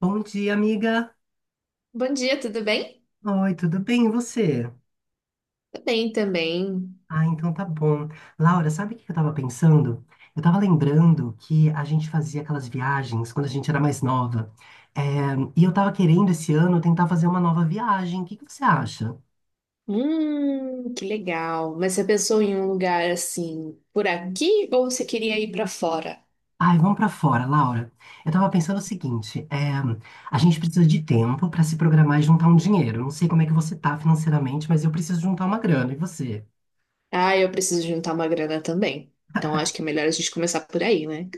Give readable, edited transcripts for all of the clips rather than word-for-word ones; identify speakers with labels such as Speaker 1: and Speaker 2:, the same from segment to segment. Speaker 1: Bom dia, amiga.
Speaker 2: Bom dia, tudo bem?
Speaker 1: Oi, tudo bem? E você?
Speaker 2: Tudo bem também.
Speaker 1: Ah, então tá bom. Laura, sabe o que eu tava pensando? Eu tava lembrando que a gente fazia aquelas viagens quando a gente era mais nova. É, e eu tava querendo esse ano tentar fazer uma nova viagem. O que que você acha?
Speaker 2: Que legal. Mas você pensou em um lugar assim por aqui ou você queria ir pra fora?
Speaker 1: Ai, vamos pra fora, Laura. Eu tava pensando o seguinte: a gente precisa de tempo pra se programar e juntar um dinheiro. Eu não sei como é que você tá financeiramente, mas eu preciso juntar uma grana. E você?
Speaker 2: Ah, eu preciso juntar uma grana também. Então acho que é melhor a gente começar por aí, né?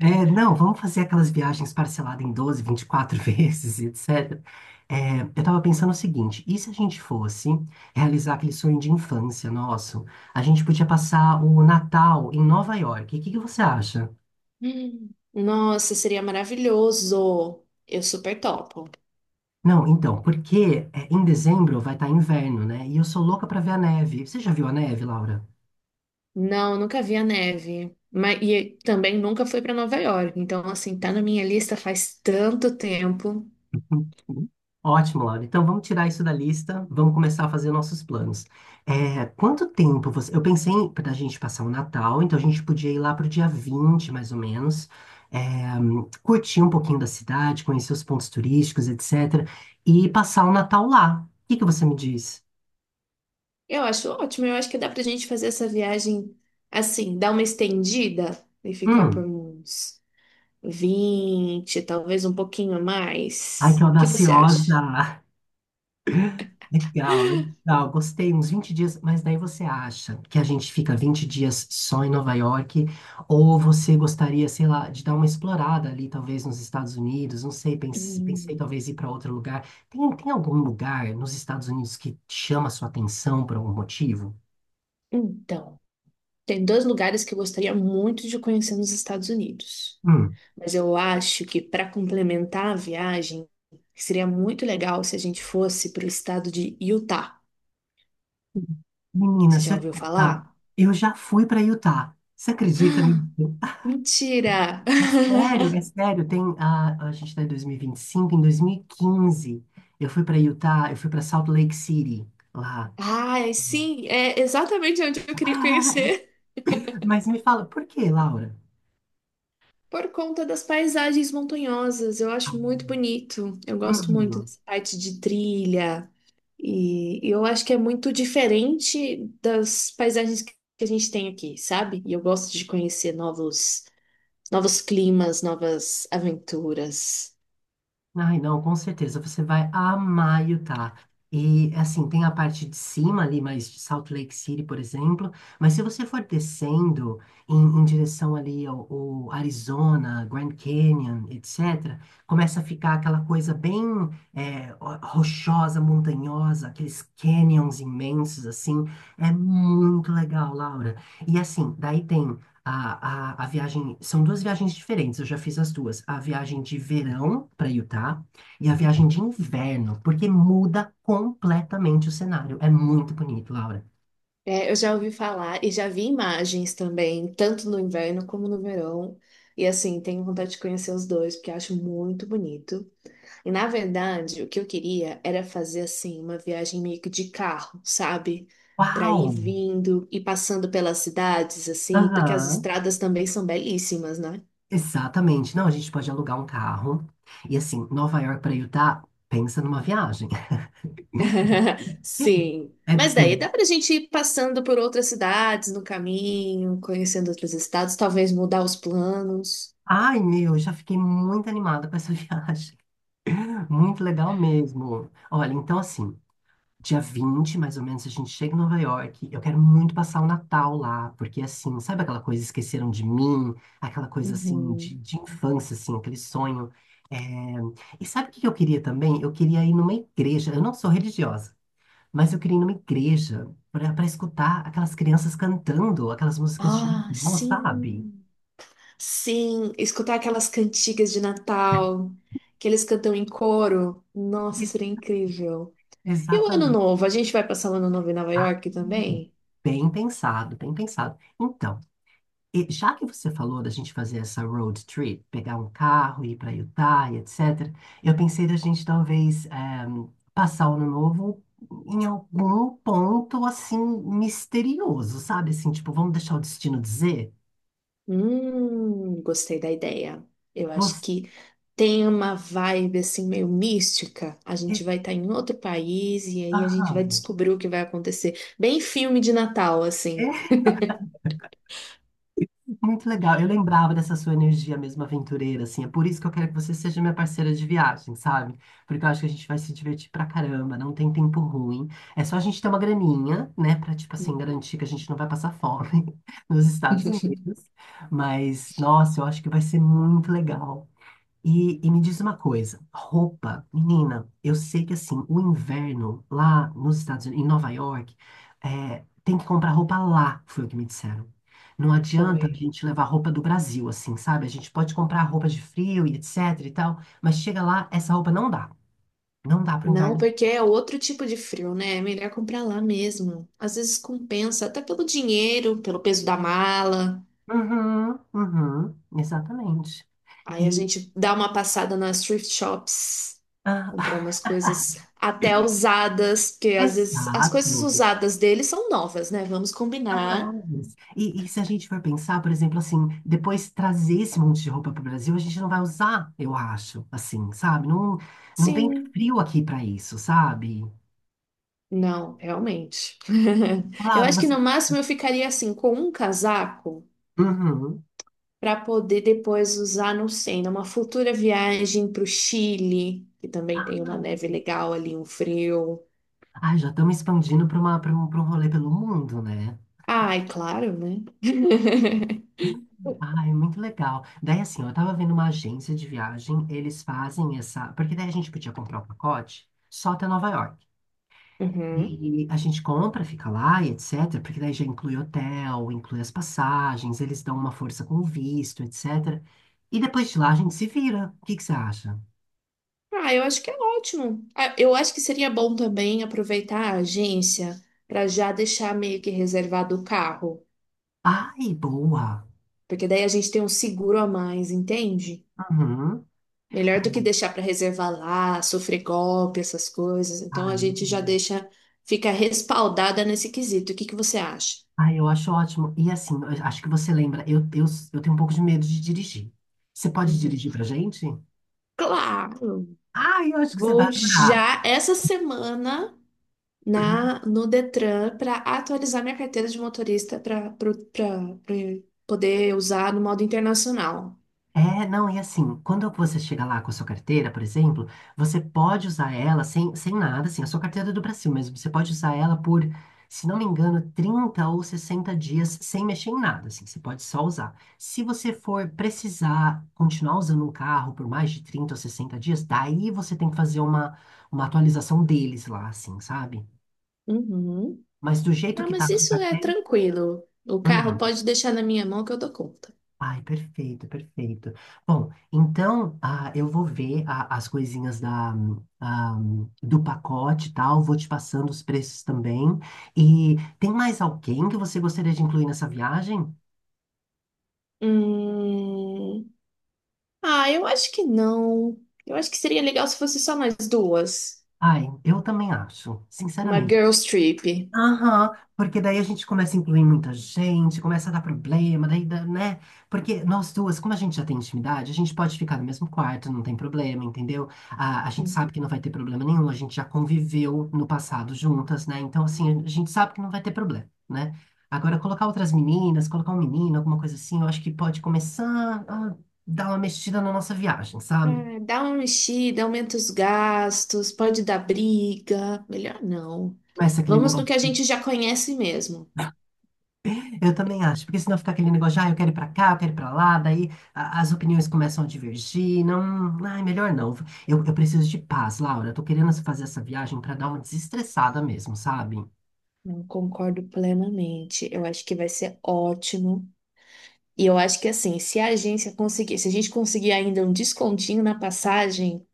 Speaker 1: É, não, vamos fazer aquelas viagens parceladas em 12, 24 vezes, etc. É, eu tava pensando o seguinte: e se a gente fosse realizar aquele sonho de infância nosso? A gente podia passar o Natal em Nova York. O que que você acha?
Speaker 2: Nossa, seria maravilhoso. Eu super topo.
Speaker 1: Não, então, porque em dezembro vai estar inverno, né? E eu sou louca pra ver a neve. Você já viu a neve, Laura?
Speaker 2: Não, nunca vi a neve. Mas, e também nunca fui pra Nova York. Então, assim, tá na minha lista faz tanto tempo.
Speaker 1: Uhum. Ótimo, Laura. Então vamos tirar isso da lista, vamos começar a fazer nossos planos. É, quanto tempo você. Eu pensei para a gente passar o Natal, então a gente podia ir lá para o dia 20, mais ou menos, é, curtir um pouquinho da cidade, conhecer os pontos turísticos, etc. E passar o Natal lá. O que que você me diz?
Speaker 2: Eu acho ótimo, eu acho que dá pra gente fazer essa viagem assim, dar uma estendida e ficar por
Speaker 1: Hum,
Speaker 2: uns 20, talvez um pouquinho a
Speaker 1: ai, que
Speaker 2: mais. O que você acha?
Speaker 1: audaciosa! Legal, legal, gostei, uns 20 dias. Mas daí você acha que a gente fica 20 dias só em Nova York, ou você gostaria, sei lá, de dar uma explorada ali, talvez nos Estados Unidos? Não sei, pensei,
Speaker 2: Hum,
Speaker 1: talvez ir para outro lugar. Tem algum lugar nos Estados Unidos que chama a sua atenção por algum motivo?
Speaker 2: Então, tem dois lugares que eu gostaria muito de conhecer nos Estados Unidos,
Speaker 1: Hum,
Speaker 2: mas eu acho que para complementar a viagem, seria muito legal se a gente fosse para o estado de Utah.
Speaker 1: menina,
Speaker 2: Você
Speaker 1: se
Speaker 2: já
Speaker 1: eu te
Speaker 2: ouviu
Speaker 1: contar,
Speaker 2: falar?
Speaker 1: eu já fui para Utah, você acredita nisso?
Speaker 2: Ah, mentira!
Speaker 1: É sério, é sério. A gente está em dois mil e vinte e cinco. Em 2015 eu fui para Utah, eu fui para Salt Lake City lá.
Speaker 2: Ai, sim, é exatamente onde eu queria conhecer.
Speaker 1: Mas me fala, por que, Laura?
Speaker 2: Por conta das paisagens montanhosas, eu
Speaker 1: Ah,
Speaker 2: acho muito bonito. Eu gosto muito
Speaker 1: uhum.
Speaker 2: dessa parte de trilha. E e eu acho que é muito diferente das paisagens que a gente tem aqui, sabe? E eu gosto de conhecer novos, novos climas, novas aventuras.
Speaker 1: Ai, não, com certeza, você vai amar Utah. E, assim, tem a parte de cima ali, mais de Salt Lake City, por exemplo, mas se você for descendo em direção ali ao Arizona, Grand Canyon, etc., começa a ficar aquela coisa bem, rochosa, montanhosa, aqueles canyons imensos, assim. É muito legal, Laura. E, assim, daí tem a viagem. São duas viagens diferentes, eu já fiz as duas. A viagem de verão para Utah e a viagem de inverno, porque muda completamente o cenário. É muito bonito, Laura.
Speaker 2: É, eu já ouvi falar e já vi imagens também, tanto no inverno como no verão. E assim, tenho vontade de conhecer os dois, porque eu acho muito bonito. E na verdade, o que eu queria era fazer assim uma viagem meio que de carro, sabe? Para
Speaker 1: Uau!
Speaker 2: ir vindo e passando pelas cidades assim, porque as
Speaker 1: Aham,
Speaker 2: estradas também são belíssimas, né?
Speaker 1: exatamente. Não, a gente pode alugar um carro. E assim, Nova York para Utah, pensa numa viagem.
Speaker 2: Sim.
Speaker 1: É
Speaker 2: Mas daí
Speaker 1: bem.
Speaker 2: dá pra gente ir passando por outras cidades no caminho, conhecendo outros estados, talvez mudar os planos.
Speaker 1: Ai, meu, eu já fiquei muito animada com essa viagem. Muito legal mesmo. Olha, então assim. Dia 20 mais ou menos, a gente chega em Nova York. Eu quero muito passar o Natal lá, porque assim, sabe aquela coisa, esqueceram de mim, aquela coisa assim de,
Speaker 2: Uhum.
Speaker 1: de infância, assim, aquele sonho. É, e sabe o que que eu queria também? Eu queria ir numa igreja. Eu não sou religiosa, mas eu queria ir numa igreja para escutar aquelas crianças cantando aquelas músicas de
Speaker 2: Ah,
Speaker 1: Natal, sabe?
Speaker 2: sim. Sim, escutar aquelas cantigas de Natal que eles cantam em coro. Nossa,
Speaker 1: Ex-
Speaker 2: seria incrível. E o ano
Speaker 1: Exatamente.
Speaker 2: novo? A gente vai passar o ano novo em Nova
Speaker 1: Ah,
Speaker 2: York também?
Speaker 1: bem pensado, bem pensado. Então, e já que você falou da gente fazer essa road trip, pegar um carro, ir para Utah e etc., eu pensei da gente talvez passar o ano novo em algum ponto assim misterioso, sabe? Assim, tipo, vamos deixar o destino dizer?
Speaker 2: Gostei da ideia. Eu acho
Speaker 1: Você...
Speaker 2: que tem uma vibe assim meio mística. A gente vai estar em outro país e aí a gente
Speaker 1: Ah,
Speaker 2: vai descobrir o que vai acontecer. Bem filme de Natal, assim.
Speaker 1: muito legal. Eu lembrava dessa sua energia mesmo aventureira, assim. É por isso que eu quero que você seja minha parceira de viagem, sabe? Porque eu acho que a gente vai se divertir pra caramba, não tem tempo ruim. É só a gente ter uma graninha, né? Pra, tipo assim,
Speaker 2: Hum.
Speaker 1: garantir que a gente não vai passar fome nos Estados Unidos. Mas, nossa, eu acho que vai ser muito legal. E, me diz uma coisa: roupa, menina, eu sei que assim, o inverno lá nos Estados Unidos, em Nova York, tem que comprar roupa lá, foi o que me disseram. Não adianta a
Speaker 2: Foi.
Speaker 1: gente levar roupa do Brasil, assim, sabe? A gente pode comprar roupa de frio e etc e tal, mas chega lá, essa roupa não dá. Não dá pro
Speaker 2: Não,
Speaker 1: inverno.
Speaker 2: porque é outro tipo de frio, né? É melhor comprar lá mesmo. Às vezes compensa, até pelo dinheiro, pelo peso da mala.
Speaker 1: Uhum, uhum, exatamente.
Speaker 2: Aí a
Speaker 1: E,
Speaker 2: gente dá uma passada nas thrift shops. Comprar
Speaker 1: ah,
Speaker 2: umas coisas até usadas, porque às vezes as coisas
Speaker 1: exato.
Speaker 2: usadas dele são novas, né? Vamos combinar.
Speaker 1: Mas, se a gente for pensar, por exemplo, assim, depois trazer esse monte de roupa para o Brasil, a gente não vai usar, eu acho, assim, sabe? Não, não tem
Speaker 2: Sim.
Speaker 1: frio aqui para isso, sabe?
Speaker 2: Não, realmente. Eu
Speaker 1: Claro,
Speaker 2: acho que
Speaker 1: você.
Speaker 2: no máximo eu ficaria assim com um casaco
Speaker 1: Uhum.
Speaker 2: para poder depois usar, não sei, numa futura viagem para o Chile, que também tem uma
Speaker 1: Ah,
Speaker 2: neve legal ali, um frio.
Speaker 1: ai, já estamos expandindo para uma, para um rolê pelo mundo, né?
Speaker 2: Ai, claro, né?
Speaker 1: Ai, muito legal. Daí, assim, ó, eu tava vendo uma agência de viagem, eles fazem essa. Porque daí a gente podia comprar o pacote só até Nova York.
Speaker 2: Uhum.
Speaker 1: E a gente compra, fica lá e etc, porque daí já inclui hotel, inclui as passagens, eles dão uma força com o visto, etc. E depois de lá a gente se vira. O que que você acha?
Speaker 2: Ah, eu acho que é ótimo. Ah, eu acho que seria bom também aproveitar a agência para já deixar meio que reservado o carro,
Speaker 1: Ai, boa.
Speaker 2: porque daí a gente tem um seguro a mais, entende?
Speaker 1: Uhum.
Speaker 2: Melhor do que deixar para reservar lá, sofrer golpe, essas coisas. Então a
Speaker 1: Ai,
Speaker 2: gente já
Speaker 1: uhum.
Speaker 2: deixa, fica respaldada nesse quesito. O que que você acha?
Speaker 1: Ai, eu acho ótimo. E assim, eu acho que você lembra, eu tenho um pouco de medo de dirigir. Você pode
Speaker 2: Uhum.
Speaker 1: dirigir pra gente?
Speaker 2: Claro,
Speaker 1: Ai, eu acho que você vai
Speaker 2: vou
Speaker 1: adorar.
Speaker 2: já essa semana na no Detran para atualizar minha carteira de motorista para poder usar no modo internacional.
Speaker 1: É, não, e assim, quando você chega lá com a sua carteira, por exemplo, você pode usar ela sem nada, assim. A sua carteira é do Brasil mesmo, você pode usar ela por, se não me engano, 30 ou 60 dias sem mexer em nada, assim, você pode só usar. Se você for precisar continuar usando um carro por mais de 30 ou 60 dias, daí você tem que fazer uma atualização deles lá, assim, sabe?
Speaker 2: Uhum.
Speaker 1: Mas do jeito
Speaker 2: Ah,
Speaker 1: que tá
Speaker 2: mas
Speaker 1: a sua
Speaker 2: isso é
Speaker 1: carteira.
Speaker 2: tranquilo. O carro
Speaker 1: Hum.
Speaker 2: pode deixar na minha mão que eu dou conta.
Speaker 1: Ai, perfeito, perfeito. Bom, então eu vou ver as coisinhas da, do pacote e tal, vou te passando os preços também. E tem mais alguém que você gostaria de incluir nessa viagem?
Speaker 2: Hum... Ah, eu acho que não. Eu acho que seria legal se fosse só mais duas.
Speaker 1: Ai, eu também acho,
Speaker 2: Uma
Speaker 1: sinceramente.
Speaker 2: girls trip.
Speaker 1: Aham, porque daí a gente começa a incluir muita gente, começa a dar problema, daí, né? Porque nós duas, como a gente já tem intimidade, a gente pode ficar no mesmo quarto, não tem problema, entendeu? A gente
Speaker 2: Hum.
Speaker 1: sabe que não vai ter problema nenhum, a gente já conviveu no passado juntas, né? Então, assim, a gente sabe que não vai ter problema, né? Agora, colocar outras meninas, colocar um menino, alguma coisa assim, eu acho que pode começar a dar uma mexida na nossa viagem, sabe?
Speaker 2: Ah, dá uma mexida, aumenta os gastos, pode dar briga. Melhor não.
Speaker 1: Começa aquele
Speaker 2: Vamos no que
Speaker 1: negócio.
Speaker 2: a gente já conhece mesmo.
Speaker 1: Eu também acho, porque senão fica aquele negócio de, eu quero ir pra cá, eu quero ir pra lá, daí as opiniões começam a divergir. Não, ai, melhor não. Eu preciso de paz, Laura, eu tô querendo fazer essa viagem pra dar uma desestressada mesmo, sabe?
Speaker 2: Não, concordo plenamente. Eu acho que vai ser ótimo. E eu acho que assim, se a agência conseguir, se a gente conseguir ainda um descontinho na passagem,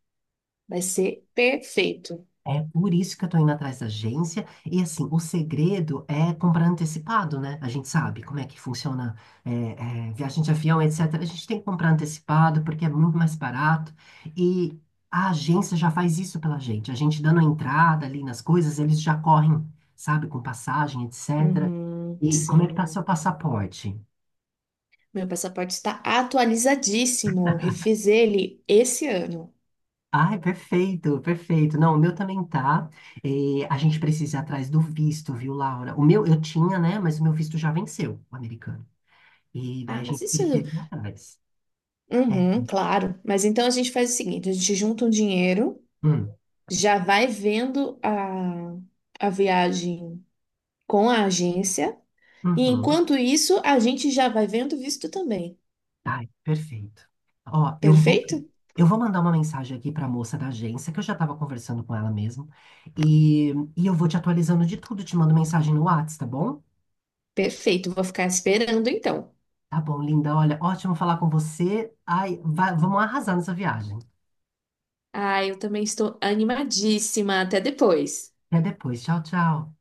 Speaker 2: vai ser perfeito.
Speaker 1: É por isso que eu tô indo atrás da agência. E assim, o segredo é comprar antecipado, né? A gente sabe como é que funciona viagem de avião, etc. A gente tem que comprar antecipado porque é muito mais barato. E a agência já faz isso pela gente. A gente dando a entrada ali nas coisas, eles já correm, sabe, com passagem, etc.
Speaker 2: Uhum,
Speaker 1: E como é que tá
Speaker 2: sim.
Speaker 1: seu passaporte?
Speaker 2: Meu passaporte está atualizadíssimo. Refiz ele esse ano.
Speaker 1: Ai, perfeito, perfeito. Não, o meu também tá. A gente precisa ir atrás do visto, viu, Laura? O meu eu tinha, né? Mas o meu visto já venceu, o americano. E daí
Speaker 2: Ah,
Speaker 1: a
Speaker 2: mas
Speaker 1: gente
Speaker 2: isso.
Speaker 1: precisa ir atrás. É.
Speaker 2: Uhum, claro. Mas então a gente faz o seguinte: a gente junta um dinheiro,
Speaker 1: Hum,
Speaker 2: já vai vendo a viagem com a agência. E
Speaker 1: uhum.
Speaker 2: enquanto isso, a gente já vai vendo visto também.
Speaker 1: Ai, perfeito. Ó,
Speaker 2: Perfeito?
Speaker 1: eu vou mandar uma mensagem aqui para a moça da agência, que eu já estava conversando com ela mesmo. E, eu vou te atualizando de tudo, te mando mensagem no Whats, tá bom?
Speaker 2: Perfeito, vou ficar esperando então.
Speaker 1: Tá bom, linda. Olha, ótimo falar com você. Ai, vamos arrasar nessa viagem.
Speaker 2: Ah, eu também estou animadíssima. Até depois.
Speaker 1: Até depois. Tchau, tchau.